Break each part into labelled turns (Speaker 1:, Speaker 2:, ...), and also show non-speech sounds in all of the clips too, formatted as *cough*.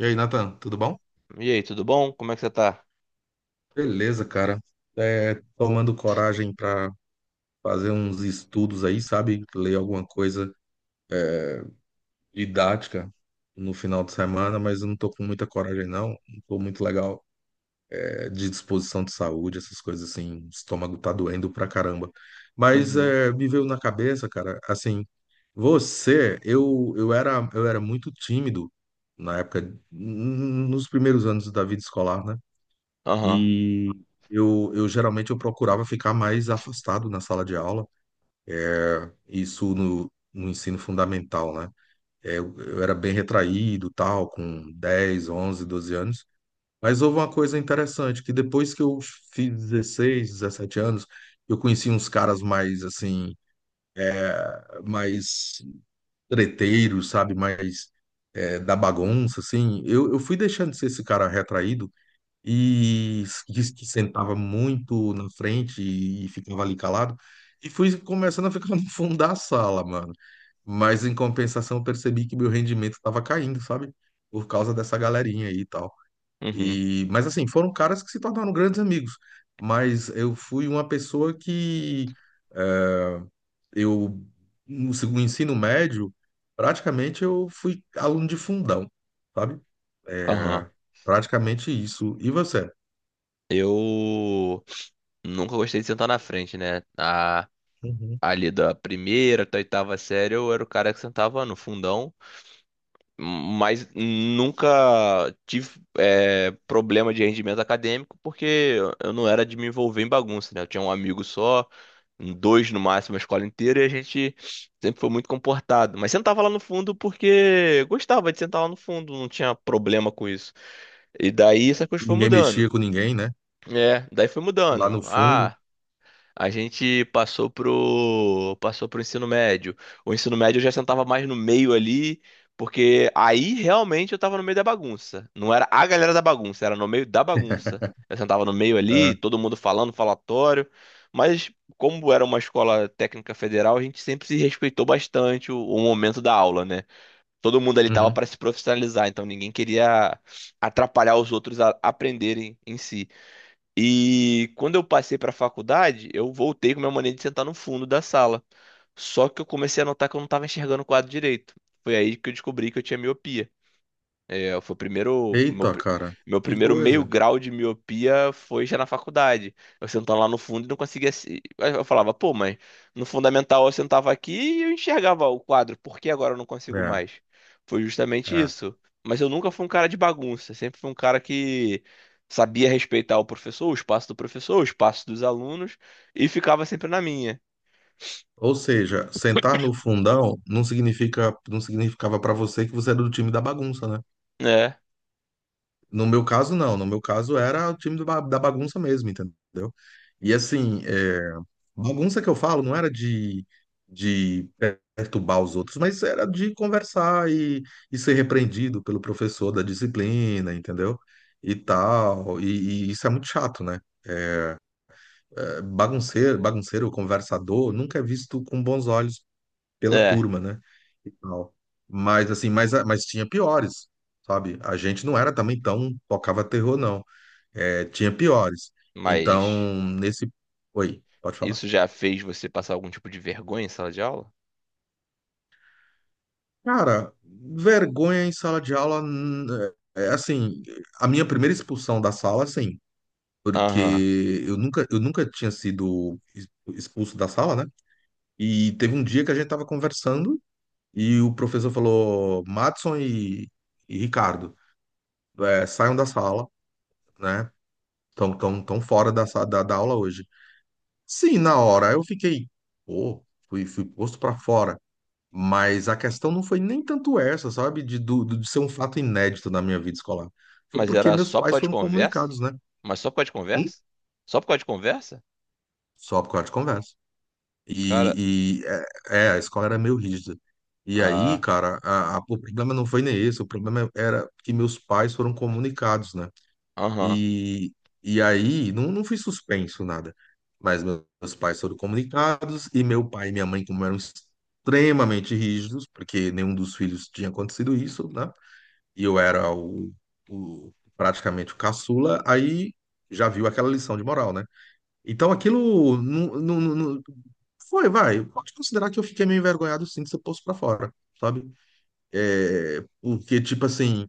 Speaker 1: E aí, Nathan, tudo bom?
Speaker 2: E aí, tudo bom? Como é que você tá?
Speaker 1: Beleza, cara. É, tomando coragem para fazer uns estudos aí, sabe? Ler alguma coisa didática no final de semana, mas eu não tô com muita coragem, não. Não tô muito legal, é, de disposição de saúde, essas coisas assim. O estômago tá doendo pra caramba. Mas
Speaker 2: Uhum,
Speaker 1: é, me veio na cabeça, cara, assim, você, eu era muito tímido na época, nos primeiros anos da vida escolar, né?
Speaker 2: aham,
Speaker 1: E eu geralmente eu procurava ficar mais afastado na sala de aula, isso no, no, ensino fundamental, né? É, Eu era bem retraído, tal, com 10, 11, 12 anos. Mas houve uma coisa interessante, que depois que eu fiz 16, 17 anos, eu conheci uns caras mais, assim, mais treteiros, sabe? Mais da bagunça, assim. Eu fui deixando de ser esse cara retraído, e disse que sentava muito na frente e ficava ali calado. E fui começando a ficar *laughs* no fundo da sala, mano. Mas em compensação, eu percebi que meu rendimento estava caindo, sabe? Por causa dessa galerinha aí e tal.
Speaker 2: uhum,
Speaker 1: E, mas assim, foram caras que se tornaram grandes amigos. Mas eu fui uma pessoa que eu, no ensino médio, praticamente eu fui aluno de fundão, sabe?
Speaker 2: aham.
Speaker 1: É, praticamente isso. E você?
Speaker 2: Eu nunca gostei de sentar na frente, né? A,
Speaker 1: Uhum.
Speaker 2: ali da primeira até a oitava série, eu era o cara que sentava no fundão, mas nunca tive problema de rendimento acadêmico, porque eu não era de me envolver em bagunça, né? Eu tinha um amigo só, dois no máximo, a escola inteira, e a gente sempre foi muito comportado. Mas sentava lá no fundo porque gostava de sentar lá no fundo, não tinha problema com isso. E daí essa coisa foi
Speaker 1: Ninguém
Speaker 2: mudando.
Speaker 1: mexia com ninguém, né?
Speaker 2: É, daí foi
Speaker 1: Lá
Speaker 2: mudando.
Speaker 1: no fundo.
Speaker 2: Ah, a gente passou pro ensino médio. O ensino médio eu já sentava mais no meio ali, porque aí realmente eu tava no meio da bagunça. Não era a galera da bagunça, era no meio da bagunça. Eu sentava no meio ali,
Speaker 1: É.
Speaker 2: todo mundo falando, falatório. Mas como era uma escola técnica federal, a gente sempre se respeitou bastante o momento da aula, né? Todo mundo ali tava
Speaker 1: Uhum.
Speaker 2: para se profissionalizar, então ninguém queria atrapalhar os outros a aprenderem em si. E quando eu passei para a faculdade, eu voltei com a minha mania de sentar no fundo da sala. Só que eu comecei a notar que eu não estava enxergando o quadro direito. Foi aí que eu descobri que eu tinha miopia. É, foi o primeiro, meu,
Speaker 1: Eita,
Speaker 2: pri-
Speaker 1: cara,
Speaker 2: Meu
Speaker 1: que
Speaker 2: primeiro meio
Speaker 1: coisa.
Speaker 2: grau de miopia foi já na faculdade. Eu sentava lá no fundo e não conseguia. Aí eu falava, pô, mas no fundamental eu sentava aqui e eu enxergava o quadro, por que agora eu não consigo
Speaker 1: É,
Speaker 2: mais? Foi justamente
Speaker 1: é.
Speaker 2: isso. Mas eu nunca fui um cara de bagunça, sempre fui um cara que sabia respeitar o professor, o espaço do professor, o espaço dos alunos e ficava sempre na minha.
Speaker 1: Ou seja, sentar no fundão não significa, não significava para você que você era do time da bagunça, né?
Speaker 2: É,
Speaker 1: No meu caso, não. No meu caso, era o time da bagunça mesmo, entendeu? E assim, é, bagunça que eu falo não era de perturbar os outros, mas era de conversar e ser repreendido pelo professor da disciplina, entendeu? E tal. E isso é muito chato, né? Bagunceiro, bagunceiro, conversador, nunca é visto com bons olhos pela
Speaker 2: é,
Speaker 1: turma, né? E tal. Mas assim, mas tinha piores, sabe? A gente não era também tão tocava terror, não. É, tinha piores. Então,
Speaker 2: mas
Speaker 1: nesse. Oi, pode falar.
Speaker 2: isso já fez você passar algum tipo de vergonha em sala de aula?
Speaker 1: Cara, vergonha em sala de aula. É, assim, a minha primeira expulsão da sala, sim,
Speaker 2: Aham.
Speaker 1: porque eu nunca tinha sido expulso da sala, né? E teve um dia que a gente tava conversando. E o professor falou: Madison e Ricardo, é, saiam da sala, né? Estão tão fora da aula hoje. Sim, na hora eu fiquei, pô, fui posto para fora. Mas a questão não foi nem tanto essa, sabe? De ser um fato inédito na minha vida escolar. Foi
Speaker 2: Mas
Speaker 1: porque
Speaker 2: era
Speaker 1: meus
Speaker 2: só por
Speaker 1: pais
Speaker 2: causa de
Speaker 1: foram
Speaker 2: conversa?
Speaker 1: comunicados, né?
Speaker 2: Mas só por causa de
Speaker 1: E
Speaker 2: conversa? Só por causa de conversa?
Speaker 1: só por causa de conversa.
Speaker 2: Cara,
Speaker 1: E, a escola era meio rígida. E aí,
Speaker 2: ah,
Speaker 1: cara, o problema não foi nem esse, o problema era que meus pais foram comunicados, né?
Speaker 2: aham,
Speaker 1: E, e aí, não fui suspenso, nada. Mas meus pais foram comunicados, e meu pai e minha mãe, como eram extremamente rígidos, porque nenhum dos filhos tinha acontecido isso, né? E eu era praticamente o caçula, aí já viu aquela lição de moral, né? Então aquilo não foi, vai. Pode considerar que eu fiquei meio envergonhado sim de ser posto pra fora, sabe? É, porque, tipo assim.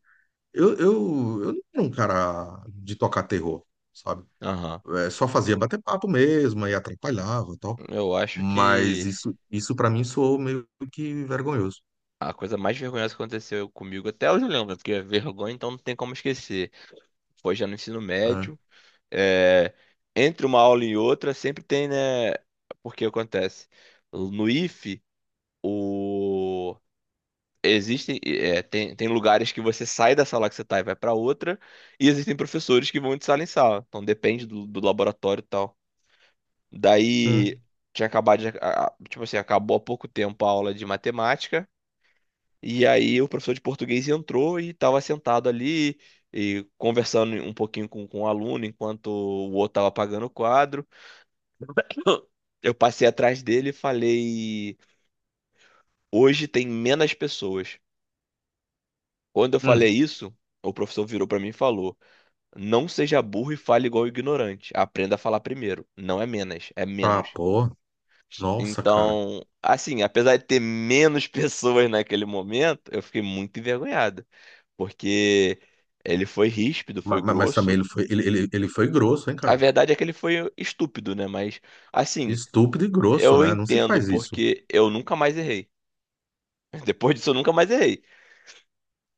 Speaker 1: Eu não era um cara de tocar terror, sabe?
Speaker 2: aham.
Speaker 1: É, só fazia bater papo mesmo, aí atrapalhava e tal.
Speaker 2: Eu acho
Speaker 1: Mas
Speaker 2: que
Speaker 1: isso para mim soou meio que vergonhoso,
Speaker 2: a coisa mais vergonhosa que aconteceu comigo, até hoje eu lembro, né? Porque é vergonha então não tem como esquecer. Foi já no ensino
Speaker 1: né?
Speaker 2: médio, é, entre uma aula e outra sempre tem, né? Porque acontece. No ife o Existem, é, tem, tem lugares que você sai da sala que você tá e vai pra outra, e existem professores que vão de sala em sala. Então depende do laboratório e tal. Daí
Speaker 1: Hum,
Speaker 2: tinha acabado de, a- tipo assim, acabou há pouco tempo a aula de matemática, e aí o professor de português entrou e estava sentado ali e conversando um pouquinho com o aluno enquanto o outro estava apagando o quadro. *coughs* Eu passei atrás dele e falei: "Hoje tem menos pessoas". Quando eu falei
Speaker 1: hum.
Speaker 2: isso, o professor virou para mim e falou: Não seja burro e fale igual ignorante. Aprenda a falar primeiro. Não é menos, é
Speaker 1: Tá,
Speaker 2: menos.
Speaker 1: pô. Nossa, cara.
Speaker 2: Então, assim, apesar de ter menos *laughs* pessoas naquele momento, eu fiquei muito envergonhado, porque ele foi ríspido,
Speaker 1: Ma-
Speaker 2: foi
Speaker 1: ma- Mas, também
Speaker 2: grosso.
Speaker 1: ele foi grosso, hein,
Speaker 2: A
Speaker 1: cara?
Speaker 2: verdade é que ele foi estúpido, né? Mas, assim,
Speaker 1: Estúpido e grosso,
Speaker 2: eu
Speaker 1: né? Não se
Speaker 2: entendo,
Speaker 1: faz isso.
Speaker 2: porque eu nunca mais errei. *laughs* Depois disso, eu nunca mais errei.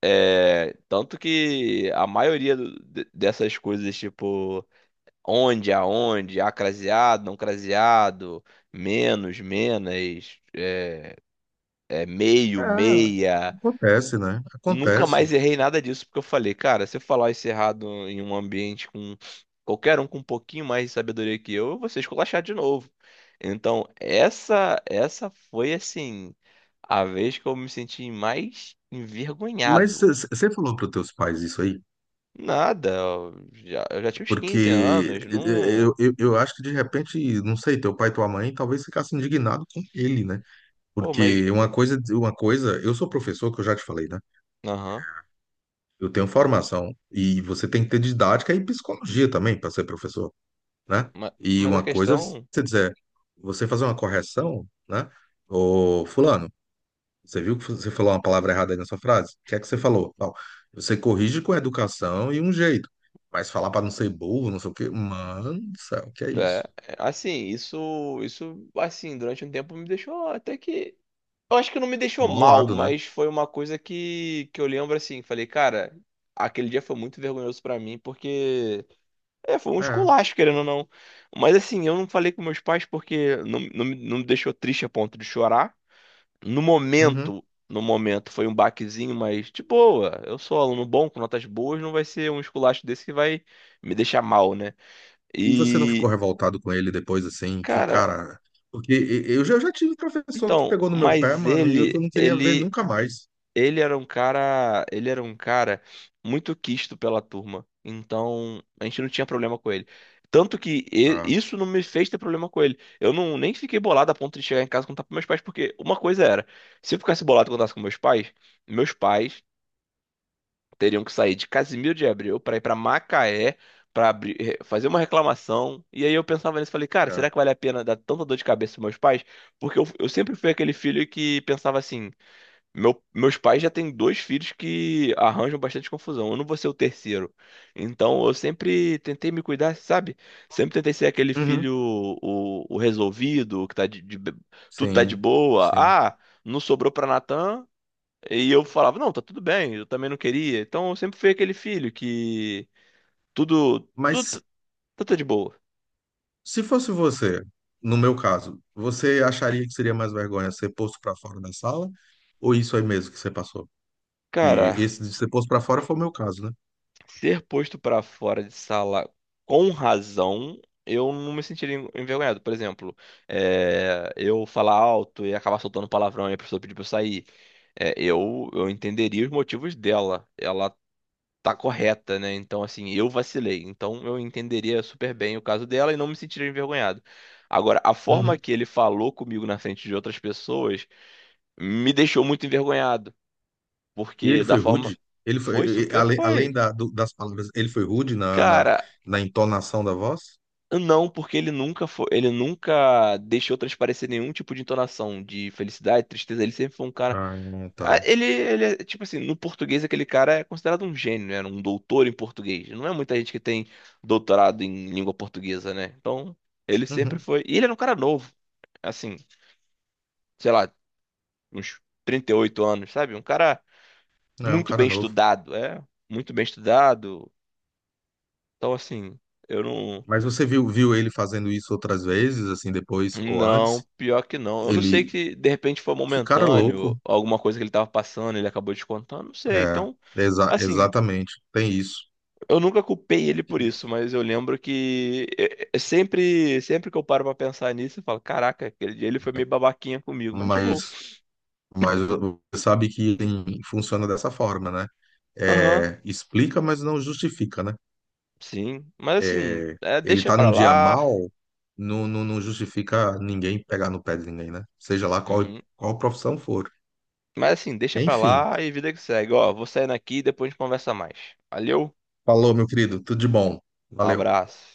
Speaker 2: É, tanto que a maioria dessas coisas, tipo onde, aonde, ah, craseado, não craseado, menos, menos, é, é meio,
Speaker 1: É,
Speaker 2: meia.
Speaker 1: acontece, né?
Speaker 2: Nunca mais
Speaker 1: Acontece.
Speaker 2: errei nada disso, porque eu falei, cara, se eu falar isso errado em um ambiente com qualquer um com um pouquinho mais de sabedoria que eu vou ser esculachado de novo. Então, essa foi, assim, a vez que eu me senti mais
Speaker 1: Mas
Speaker 2: envergonhado.
Speaker 1: você falou para os teus pais isso aí?
Speaker 2: Nada, eu já tinha uns
Speaker 1: Porque
Speaker 2: 15 anos,
Speaker 1: eh, eh,
Speaker 2: não...
Speaker 1: eu, eu, eu acho que de repente, não sei, teu pai e tua mãe talvez ficasse indignado com ele, né?
Speaker 2: Pô, mas...
Speaker 1: Porque uma coisa, eu sou professor, que eu já te falei, né?
Speaker 2: Aham.
Speaker 1: Eu tenho formação e você tem que ter didática e psicologia também para ser professor, né?
Speaker 2: Mas,
Speaker 1: E
Speaker 2: mas a
Speaker 1: uma coisa, é
Speaker 2: questão
Speaker 1: você dizer, você fazer uma correção, né? Ô, fulano, você viu que você falou uma palavra errada aí nessa frase? O que é que você falou? Tal. Você corrige com educação e um jeito. Mas falar para não ser burro, não sei o quê. Mano do céu, que é
Speaker 2: é,
Speaker 1: isso?
Speaker 2: é, assim, isso, assim, durante um tempo me deixou até que. Eu acho que não me deixou mal,
Speaker 1: Bolado, né?
Speaker 2: mas foi uma coisa que eu lembro assim, falei, cara, aquele dia foi muito vergonhoso pra mim, porque foi um
Speaker 1: É.
Speaker 2: esculacho, querendo ou não. Mas assim, eu não falei com meus pais porque não me deixou triste a ponto de chorar.
Speaker 1: Uhum.
Speaker 2: No momento foi um baquezinho, mas de boa, eu sou aluno bom, com notas boas, não vai ser um esculacho desse que vai me deixar mal, né?
Speaker 1: E você não ficou
Speaker 2: E,
Speaker 1: revoltado com ele depois, assim, que,
Speaker 2: cara,
Speaker 1: cara. Porque eu já tive professor que
Speaker 2: então,
Speaker 1: pegou no meu pé,
Speaker 2: mas
Speaker 1: mano, e eu que eu
Speaker 2: ele,
Speaker 1: não queria ver
Speaker 2: ele,
Speaker 1: nunca mais.
Speaker 2: ele era um cara, ele era um cara muito quisto pela turma. Então, a gente não tinha problema com ele. Tanto que
Speaker 1: Ah,
Speaker 2: isso não me fez ter problema com ele. Eu não nem fiquei bolado a ponto de chegar em casa e contar pros meus pais, porque uma coisa era, se eu ficasse bolado e contasse com meus pais teriam que sair de Casimiro de Abreu para ir para Macaé para abrir fazer uma reclamação. E aí eu pensava nisso e falei, cara, será que
Speaker 1: é.
Speaker 2: vale a pena dar tanta dor de cabeça aos meus pais? Porque eu sempre fui aquele filho que pensava assim: meu, meus pais já têm dois filhos que arranjam bastante confusão, eu não vou ser o terceiro. Então eu sempre tentei me cuidar, sabe? Sempre tentei ser aquele
Speaker 1: Uhum.
Speaker 2: filho o resolvido, que tudo tá de
Speaker 1: Sim,
Speaker 2: boa.
Speaker 1: sim.
Speaker 2: Ah, não sobrou pra Natan, e eu falava, não, tá tudo bem, eu também não queria. Então eu sempre fui aquele filho que tudo, tudo, tá-
Speaker 1: Mas
Speaker 2: tudo tá de boa.
Speaker 1: se fosse você, no meu caso, você acharia que seria mais vergonha ser posto pra fora da sala? Ou isso aí mesmo que você passou? Que
Speaker 2: Cara,
Speaker 1: esse de ser posto pra fora foi o meu caso,
Speaker 2: ser posto pra fora de sala com razão, eu não me sentiria envergonhado. Por exemplo, eu falar alto e acabar soltando palavrão e a pessoa pedir pra eu sair. Eu entenderia os motivos dela. Ela tá correta, né? Então, assim, eu vacilei. Então, eu entenderia super bem o caso dela e não me sentiria envergonhado. Agora, a forma
Speaker 1: né?
Speaker 2: que ele falou comigo na frente de outras pessoas me deixou muito envergonhado,
Speaker 1: E ele
Speaker 2: porque da
Speaker 1: foi
Speaker 2: forma
Speaker 1: rude? Ele foi,
Speaker 2: foi super
Speaker 1: além
Speaker 2: foi.
Speaker 1: das palavras, ele foi rude na, na,
Speaker 2: Cara,
Speaker 1: na entonação da voz?
Speaker 2: não, porque ele nunca deixou transparecer nenhum tipo de entonação de felicidade, tristeza. Ele sempre foi um cara.
Speaker 1: Ah,
Speaker 2: Ah,
Speaker 1: tá.
Speaker 2: ele é, tipo assim, no português aquele cara é considerado um gênio, né? Um doutor em português. Não é muita gente que tem doutorado em língua portuguesa, né? Então, ele sempre
Speaker 1: Uhum.
Speaker 2: foi. E ele era um cara novo, assim, sei lá, uns 38 anos, sabe? Um cara
Speaker 1: É um
Speaker 2: muito
Speaker 1: cara
Speaker 2: bem
Speaker 1: novo.
Speaker 2: estudado, muito bem estudado. Então, assim, eu não.
Speaker 1: Mas você viu ele fazendo isso outras vezes, assim, depois ou
Speaker 2: Não,
Speaker 1: antes?
Speaker 2: pior que não. Eu não sei
Speaker 1: Ele.
Speaker 2: que de repente foi
Speaker 1: Que cara louco.
Speaker 2: momentâneo, alguma coisa que ele tava passando, ele acabou descontando, não sei.
Speaker 1: É,
Speaker 2: Então.
Speaker 1: exa-
Speaker 2: Assim,
Speaker 1: exatamente. Tem isso.
Speaker 2: eu nunca culpei ele por isso,
Speaker 1: Isso.
Speaker 2: mas eu lembro que é sempre, sempre que eu paro pra pensar nisso, eu falo, caraca, aquele dia ele foi meio babaquinha comigo, mas de boa.
Speaker 1: Mas, mas você sabe que ele funciona dessa forma, né?
Speaker 2: Aham,
Speaker 1: É, explica, mas não justifica, né?
Speaker 2: sim. Mas assim,
Speaker 1: É, ele
Speaker 2: deixa
Speaker 1: tá
Speaker 2: pra
Speaker 1: num dia
Speaker 2: lá.
Speaker 1: mal, não, não justifica ninguém pegar no pé de ninguém, né? Seja lá qual,
Speaker 2: Uhum.
Speaker 1: qual profissão for.
Speaker 2: Mas assim, deixa pra
Speaker 1: Enfim,
Speaker 2: lá e vida que segue. Ó, vou saindo aqui e depois a gente conversa mais. Valeu,
Speaker 1: falou, meu querido, tudo de bom.
Speaker 2: um
Speaker 1: Valeu.
Speaker 2: abraço.